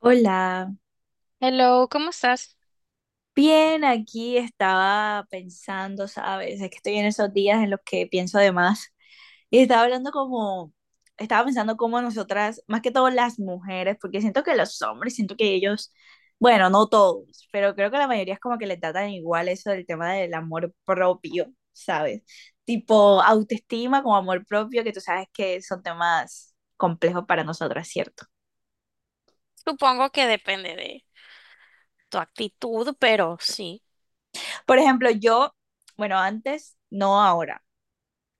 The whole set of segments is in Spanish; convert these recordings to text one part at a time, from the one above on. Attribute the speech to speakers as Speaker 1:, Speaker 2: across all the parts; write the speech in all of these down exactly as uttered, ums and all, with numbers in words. Speaker 1: Hola,
Speaker 2: Hello, ¿cómo estás?
Speaker 1: bien, aquí estaba pensando, ¿sabes? Es que estoy en esos días en los que pienso de más. Y estaba hablando como, Estaba pensando cómo nosotras, más que todo las mujeres, porque siento que los hombres, siento que ellos, bueno, no todos, pero creo que la mayoría es como que le tratan igual eso del tema del amor propio, ¿sabes? Tipo autoestima como amor propio, que tú sabes que son temas complejos para nosotras, ¿cierto?
Speaker 2: Supongo que depende de tu actitud, pero sí.
Speaker 1: Por ejemplo, yo, bueno, antes, no ahora.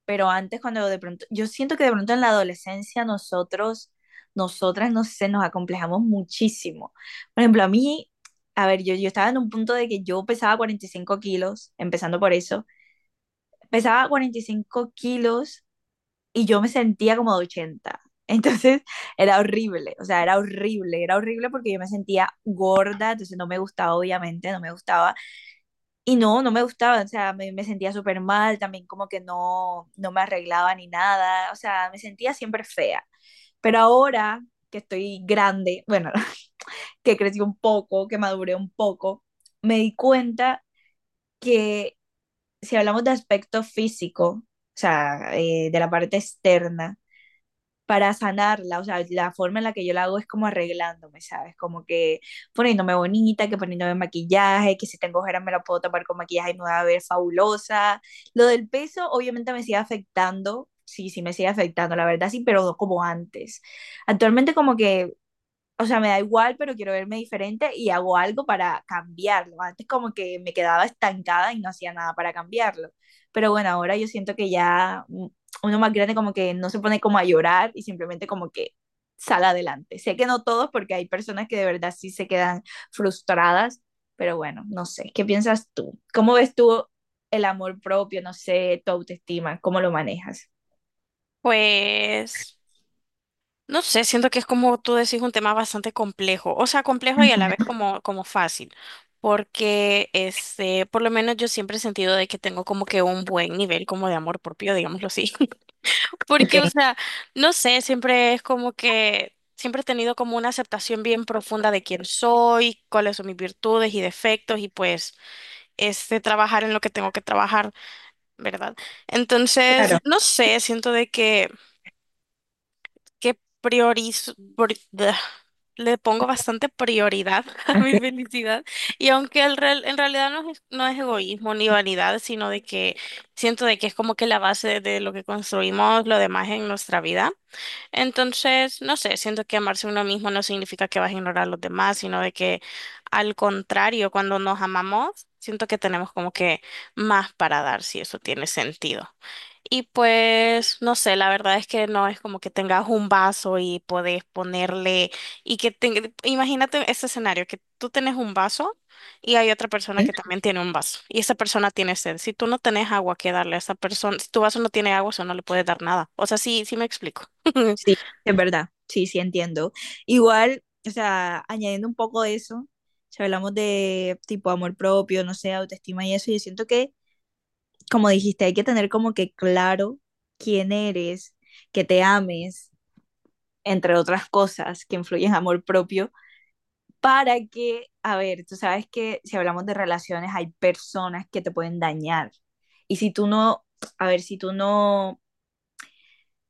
Speaker 1: Pero antes cuando de pronto, yo siento que de pronto en la adolescencia nosotros, nosotras, no sé, nos acomplejamos muchísimo. Por ejemplo, a mí, a ver, yo, yo estaba en un punto de que yo pesaba cuarenta y cinco kilos, empezando por eso, pesaba cuarenta y cinco kilos y yo me sentía como de ochenta. Entonces era horrible, o sea, era horrible, era horrible porque yo me sentía gorda, entonces no me gustaba, obviamente, no me gustaba. Y no, no me gustaba, o sea, me, me sentía súper mal, también como que no, no me arreglaba ni nada, o sea, me sentía siempre fea. Pero ahora que estoy grande, bueno, que crecí un poco, que maduré un poco, me di cuenta que si hablamos de aspecto físico, o sea, eh, de la parte externa, para sanarla, o sea, la forma en la que yo la hago es como arreglándome, ¿sabes? Como que poniéndome bonita, que poniéndome maquillaje, que si tengo ojeras me la puedo tapar con maquillaje y me voy a ver fabulosa. Lo del peso obviamente me sigue afectando, sí, sí me sigue afectando, la verdad sí, pero no como antes. Actualmente como que o sea, me da igual, pero quiero verme diferente y hago algo para cambiarlo. Antes como que me quedaba estancada y no hacía nada para cambiarlo. Pero bueno, ahora yo siento que ya mm, uno más grande como que no se pone como a llorar y simplemente como que sale adelante. Sé que no todos porque hay personas que de verdad sí se quedan frustradas, pero bueno, no sé, ¿qué piensas tú? ¿Cómo ves tú el amor propio, no sé, tu autoestima, cómo lo manejas?
Speaker 2: Pues, no sé, siento que es como tú decís un tema bastante complejo, o sea, complejo
Speaker 1: Uh
Speaker 2: y a la vez
Speaker 1: -huh.
Speaker 2: como, como fácil, porque este, por lo menos yo siempre he sentido de que tengo como que un buen nivel como de amor propio, digámoslo así,
Speaker 1: Ok.
Speaker 2: porque, o sea, no sé, siempre es como que... Siempre he tenido como una aceptación bien profunda de quién soy, cuáles son mis virtudes y defectos y pues este trabajar en lo que tengo que trabajar, ¿verdad? Entonces,
Speaker 1: Claro,
Speaker 2: no sé, siento de que, que priorizo, pri- da, le pongo bastante prioridad a mi
Speaker 1: okay.
Speaker 2: felicidad y aunque el real- en realidad no es, no es egoísmo ni vanidad, sino de que siento de que es como que la base de lo que construimos lo demás en nuestra vida. Entonces, no sé, siento que amarse uno mismo no significa que vas a ignorar a los demás, sino de que al contrario, cuando nos amamos, siento que tenemos como que más para dar, si eso tiene sentido. Y pues, no sé, la verdad es que no es como que tengas un vaso y podés ponerle, y que te, imagínate ese escenario, que tú tenés un vaso y hay otra persona que también tiene un vaso, y esa persona tiene sed. Si tú no tenés agua que darle a esa persona, si tu vaso no tiene agua, eso no le puedes dar nada. O sea, sí, sí me explico.
Speaker 1: Sí, es verdad. Sí, sí, entiendo. Igual, o sea, añadiendo un poco de eso, si hablamos de tipo amor propio, no sé, autoestima y eso, yo siento que, como dijiste, hay que tener como que claro quién eres, que te ames, entre otras cosas que influyen en amor propio, para que, a ver, tú sabes que si hablamos de relaciones, hay personas que te pueden dañar. Y si tú no, a ver, si tú no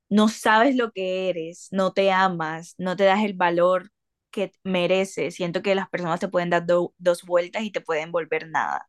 Speaker 1: no sabes lo que eres, no te amas, no te das el valor que mereces. Siento que las personas te pueden dar do- dos vueltas y te pueden volver nada.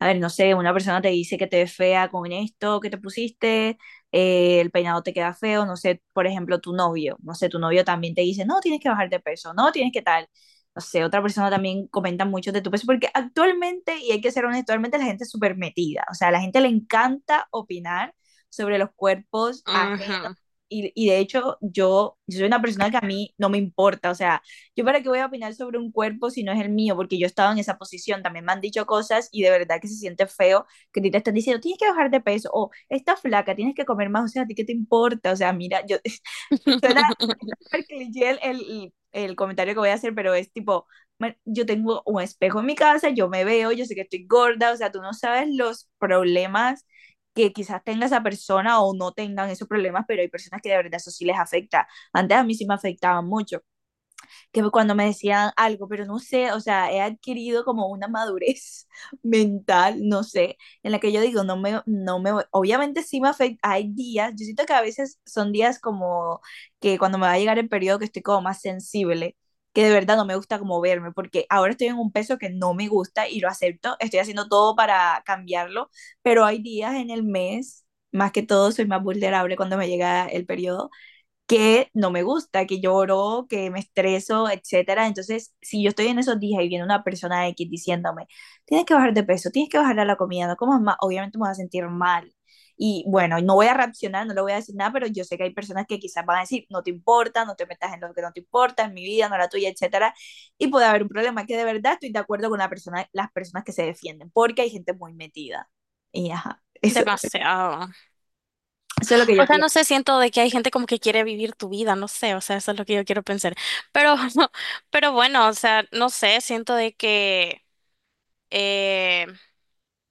Speaker 1: A ver, no sé, una persona te dice que te ves fea con esto que te pusiste, eh, el peinado te queda feo, no sé, por ejemplo, tu novio, no sé, tu novio también te dice, no, tienes que bajar de peso, no, tienes que tal. No sé, otra persona también comenta mucho de tu peso, porque actualmente, y hay que ser honesto, actualmente la gente es súper metida, o sea, a la gente le encanta opinar sobre los cuerpos ajenos.
Speaker 2: Ajá.
Speaker 1: Y, y de hecho, yo, yo soy una persona que a mí no me importa, o sea, yo para qué voy a opinar sobre un cuerpo si no es el mío, porque yo he estado en esa posición, también me han dicho cosas y de verdad que se siente feo que te están diciendo, tienes que bajar de peso o estás flaca, tienes que comer más, o sea, ¿a ti qué te importa? O sea, mira, yo suena súper cliché el, el, el comentario que voy a hacer, pero es tipo, yo tengo un espejo en mi casa, yo me veo, yo sé que estoy gorda, o sea, tú no sabes los problemas que quizás tenga esa persona o no tengan esos problemas, pero hay personas que de verdad eso sí les afecta. Antes a mí sí me afectaba mucho que cuando me decían algo, pero no sé, o sea, he adquirido como una madurez mental, no sé, en la que yo digo, no me, no me, obviamente sí me afecta, hay días, yo siento que a veces son días como que cuando me va a llegar el periodo que estoy como más sensible, que de verdad no me gusta como verme, porque ahora estoy en un peso que no me gusta y lo acepto, estoy haciendo todo para cambiarlo, pero hay días en el mes, más que todo soy más vulnerable cuando me llega el periodo, que no me gusta, que lloro, que me estreso, etcétera. Entonces, si yo estoy en esos días y viene una persona X diciéndome, tienes que bajar de peso, tienes que bajar a la comida, no comas más, obviamente me voy a sentir mal. Y bueno, no voy a reaccionar, no le voy a decir nada, pero yo sé que hay personas que quizás van a decir, no te importa, no te metas en lo que no te importa, en mi vida, no la tuya, etcétera. Y puede haber un problema que de verdad estoy de acuerdo con la persona, las personas que se defienden, porque hay gente muy metida. Y ajá, eso,
Speaker 2: Demasiado.
Speaker 1: eso es lo que
Speaker 2: O
Speaker 1: yo
Speaker 2: sea, no
Speaker 1: pienso.
Speaker 2: sé, siento de que hay gente como que quiere vivir tu vida, no sé, o sea, eso es lo que yo quiero pensar. Pero, pero bueno, o sea, no sé, siento de que eh,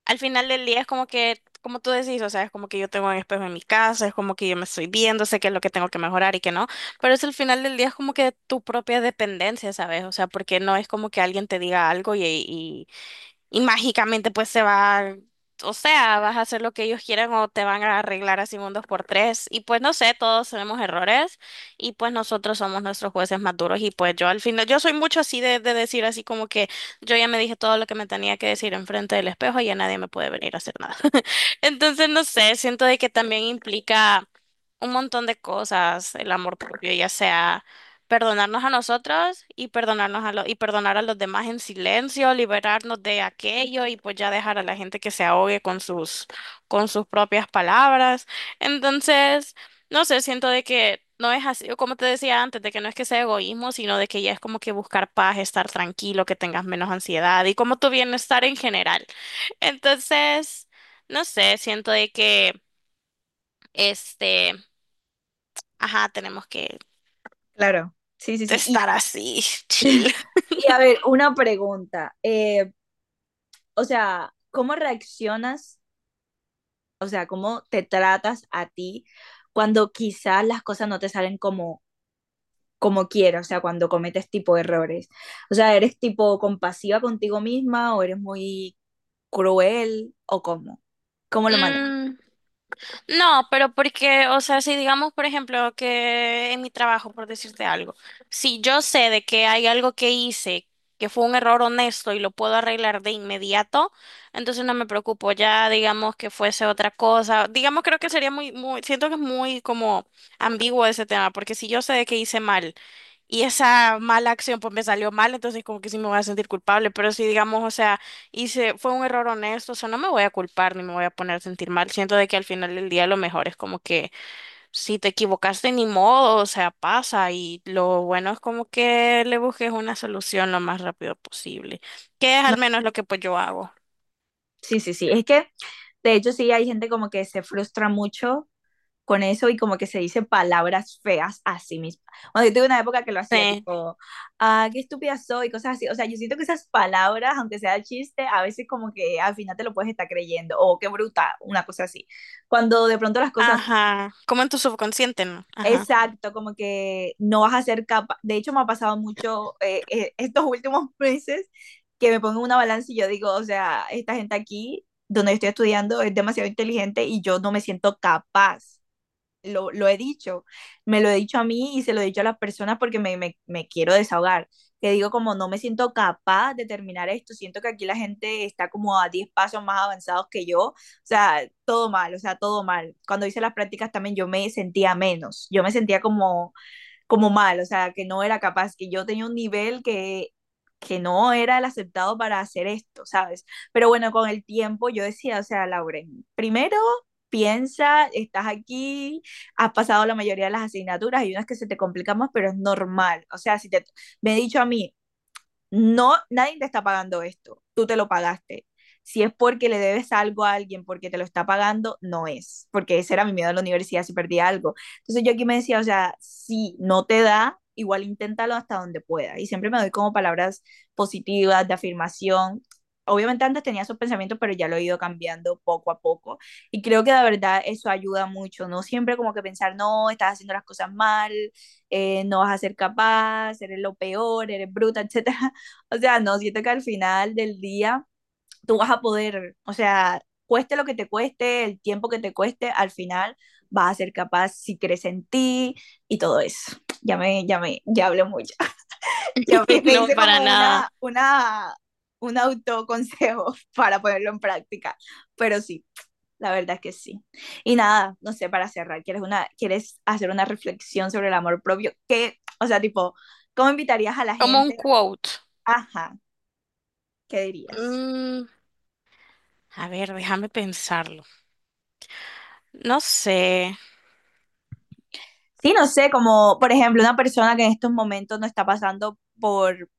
Speaker 2: al final del día es como que, como tú decís, o sea, es como que yo tengo un espejo en mi casa, es como que yo me estoy viendo, sé qué es lo que tengo que mejorar y qué no, pero es al final del día es como que tu propia dependencia, ¿sabes? O sea, porque no es como que alguien te diga algo y, y mágicamente pues se va, o sea, vas a hacer lo que ellos quieran o te van a arreglar así un dos por tres. Y pues no sé, todos tenemos errores y pues nosotros somos nuestros jueces más duros y pues yo al final, yo soy mucho así de, de decir así como que yo ya me dije todo lo que me tenía que decir enfrente del espejo y ya nadie me puede venir a hacer nada. Entonces no sé, siento de que también implica un montón de cosas, el amor propio, ya sea perdonarnos a nosotros y perdonarnos a los y perdonar a los demás en silencio, liberarnos de aquello y pues ya dejar a la gente que se ahogue con sus con sus propias palabras. Entonces, no sé, siento de que no es así, como te decía antes, de que no es que sea egoísmo, sino de que ya es como que buscar paz, estar tranquilo, que tengas menos ansiedad y como tu bienestar en general. Entonces, no sé, siento de que este, ajá, tenemos que
Speaker 1: Claro. Sí, sí, sí. Y
Speaker 2: estar así, chill.
Speaker 1: y a ver, una pregunta. Eh, o sea, ¿cómo reaccionas? O sea, ¿cómo te tratas a ti cuando quizás las cosas no te salen como, como quieres? O sea, cuando cometes tipo errores. O sea, ¿eres tipo compasiva contigo misma o eres muy cruel o cómo? ¿Cómo lo manejas?
Speaker 2: Mm, No, pero porque, o sea, si digamos, por ejemplo, que en mi trabajo, por decirte algo, si yo sé de que hay algo que hice que fue un error honesto y lo puedo arreglar de inmediato, entonces no me preocupo. Ya digamos que fuese otra cosa, digamos, creo que sería muy, muy, siento que es muy como ambiguo ese tema, porque si yo sé de que hice mal y esa mala acción pues me salió mal, entonces como que sí me voy a sentir culpable, pero si digamos, o sea, y se fue un error honesto, o sea, no me voy a culpar ni me voy a poner a sentir mal. Siento de que al final del día lo mejor es como que si te equivocaste ni modo, o sea, pasa y lo bueno es como que le busques una solución lo más rápido posible, que es
Speaker 1: No,
Speaker 2: al menos lo que pues yo hago.
Speaker 1: sí, sí, sí. Es que, de hecho, sí, hay gente como que se frustra mucho con eso y como que se dice palabras feas a sí misma. Bueno, yo tuve una época que lo hacía
Speaker 2: Sí,
Speaker 1: tipo, ah, qué estúpida soy, cosas así. O sea, yo siento que esas palabras, aunque sea chiste, a veces como que al final te lo puedes estar creyendo, o qué bruta, una cosa así. Cuando de pronto las cosas,
Speaker 2: ajá, como en tu subconsciente, ¿no? Ajá,
Speaker 1: exacto, como que no vas a ser capaz. De hecho, me ha pasado mucho eh, eh, estos últimos meses que me pongo en una balanza y yo digo, o sea, esta gente aquí, donde yo estoy estudiando, es demasiado inteligente y yo no me siento capaz lo, lo he dicho, me lo he dicho a mí y se lo he dicho a las personas porque me, me, me quiero desahogar, que digo como no me siento capaz de terminar esto, siento que aquí la gente está como a diez pasos más avanzados que yo, o sea, todo mal, o sea, todo mal. Cuando hice las prácticas también yo me sentía menos, yo me sentía como como mal, o sea, que no era capaz, que yo tenía un nivel que, que no era el aceptado para hacer esto, ¿sabes? Pero bueno, con el tiempo yo decía, o sea, Lauren, primero piensa, estás aquí, has pasado la mayoría de las asignaturas, hay unas que se te complican más, pero es normal. O sea, si te, me he dicho a mí, no, nadie te está pagando esto, tú te lo pagaste. Si es porque le debes algo a alguien porque te lo está pagando, no es, porque ese era mi miedo en la universidad si perdía algo. Entonces yo aquí me decía, o sea, si no te da, igual inténtalo hasta donde pueda. Y siempre me doy como palabras positivas, de afirmación. Obviamente antes tenía esos pensamientos, pero ya lo he ido cambiando poco a poco. Y creo que de verdad eso ayuda mucho. No siempre como que pensar, no, estás haciendo las cosas mal, eh, no vas a ser capaz, eres lo peor, eres bruta, etcétera, o sea, no, siento que al final del día tú vas a poder, o sea, cueste lo que te cueste, el tiempo que te cueste, al final vas a ser capaz si crees en ti y todo eso. Ya me, ya me, ya hablé mucho. Ya me, me
Speaker 2: no
Speaker 1: hice
Speaker 2: para
Speaker 1: como una,
Speaker 2: nada.
Speaker 1: una, un autoconsejo para ponerlo en práctica, pero sí, la verdad es que sí. Y nada, no sé, para cerrar, ¿quieres, una, ¿quieres hacer una reflexión sobre el amor propio? ¿Qué, o sea, tipo, cómo invitarías a la
Speaker 2: Como un
Speaker 1: gente?
Speaker 2: quote.
Speaker 1: Ajá, ¿qué dirías?
Speaker 2: Mm, a ver, déjame pensarlo. No sé.
Speaker 1: Sí, no sé, como por ejemplo una persona que en estos momentos no está pasando por,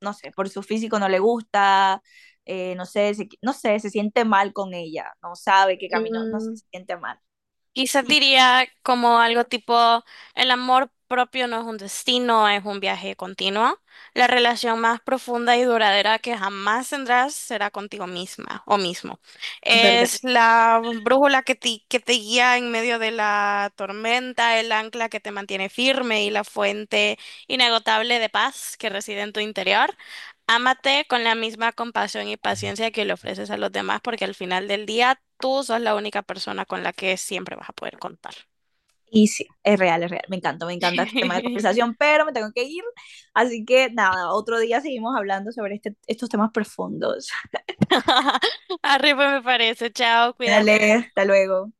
Speaker 1: no sé, por su físico no le gusta, eh, no sé, se, no sé, se siente mal con ella, no sabe qué camino, no sé,
Speaker 2: Mm,
Speaker 1: se siente mal.
Speaker 2: Quizás diría como algo tipo, el amor propio no es un destino, es un viaje continuo. La relación más profunda y duradera que jamás tendrás será contigo misma o mismo.
Speaker 1: Es verdad.
Speaker 2: Es la brújula que te, que te guía en medio de la tormenta, el ancla que te mantiene firme y la fuente inagotable de paz que reside en tu interior. Ámate con la misma compasión y paciencia que le ofreces a los demás, porque al final del día tú sos la única persona con la que siempre vas a poder contar.
Speaker 1: Y sí, es real, es real, me encanta, me encanta este tema de conversación, pero me tengo que ir, así que nada, otro día seguimos hablando sobre este, estos temas profundos.
Speaker 2: Arriba me parece. Chao, cuídate.
Speaker 1: Dale, hasta luego.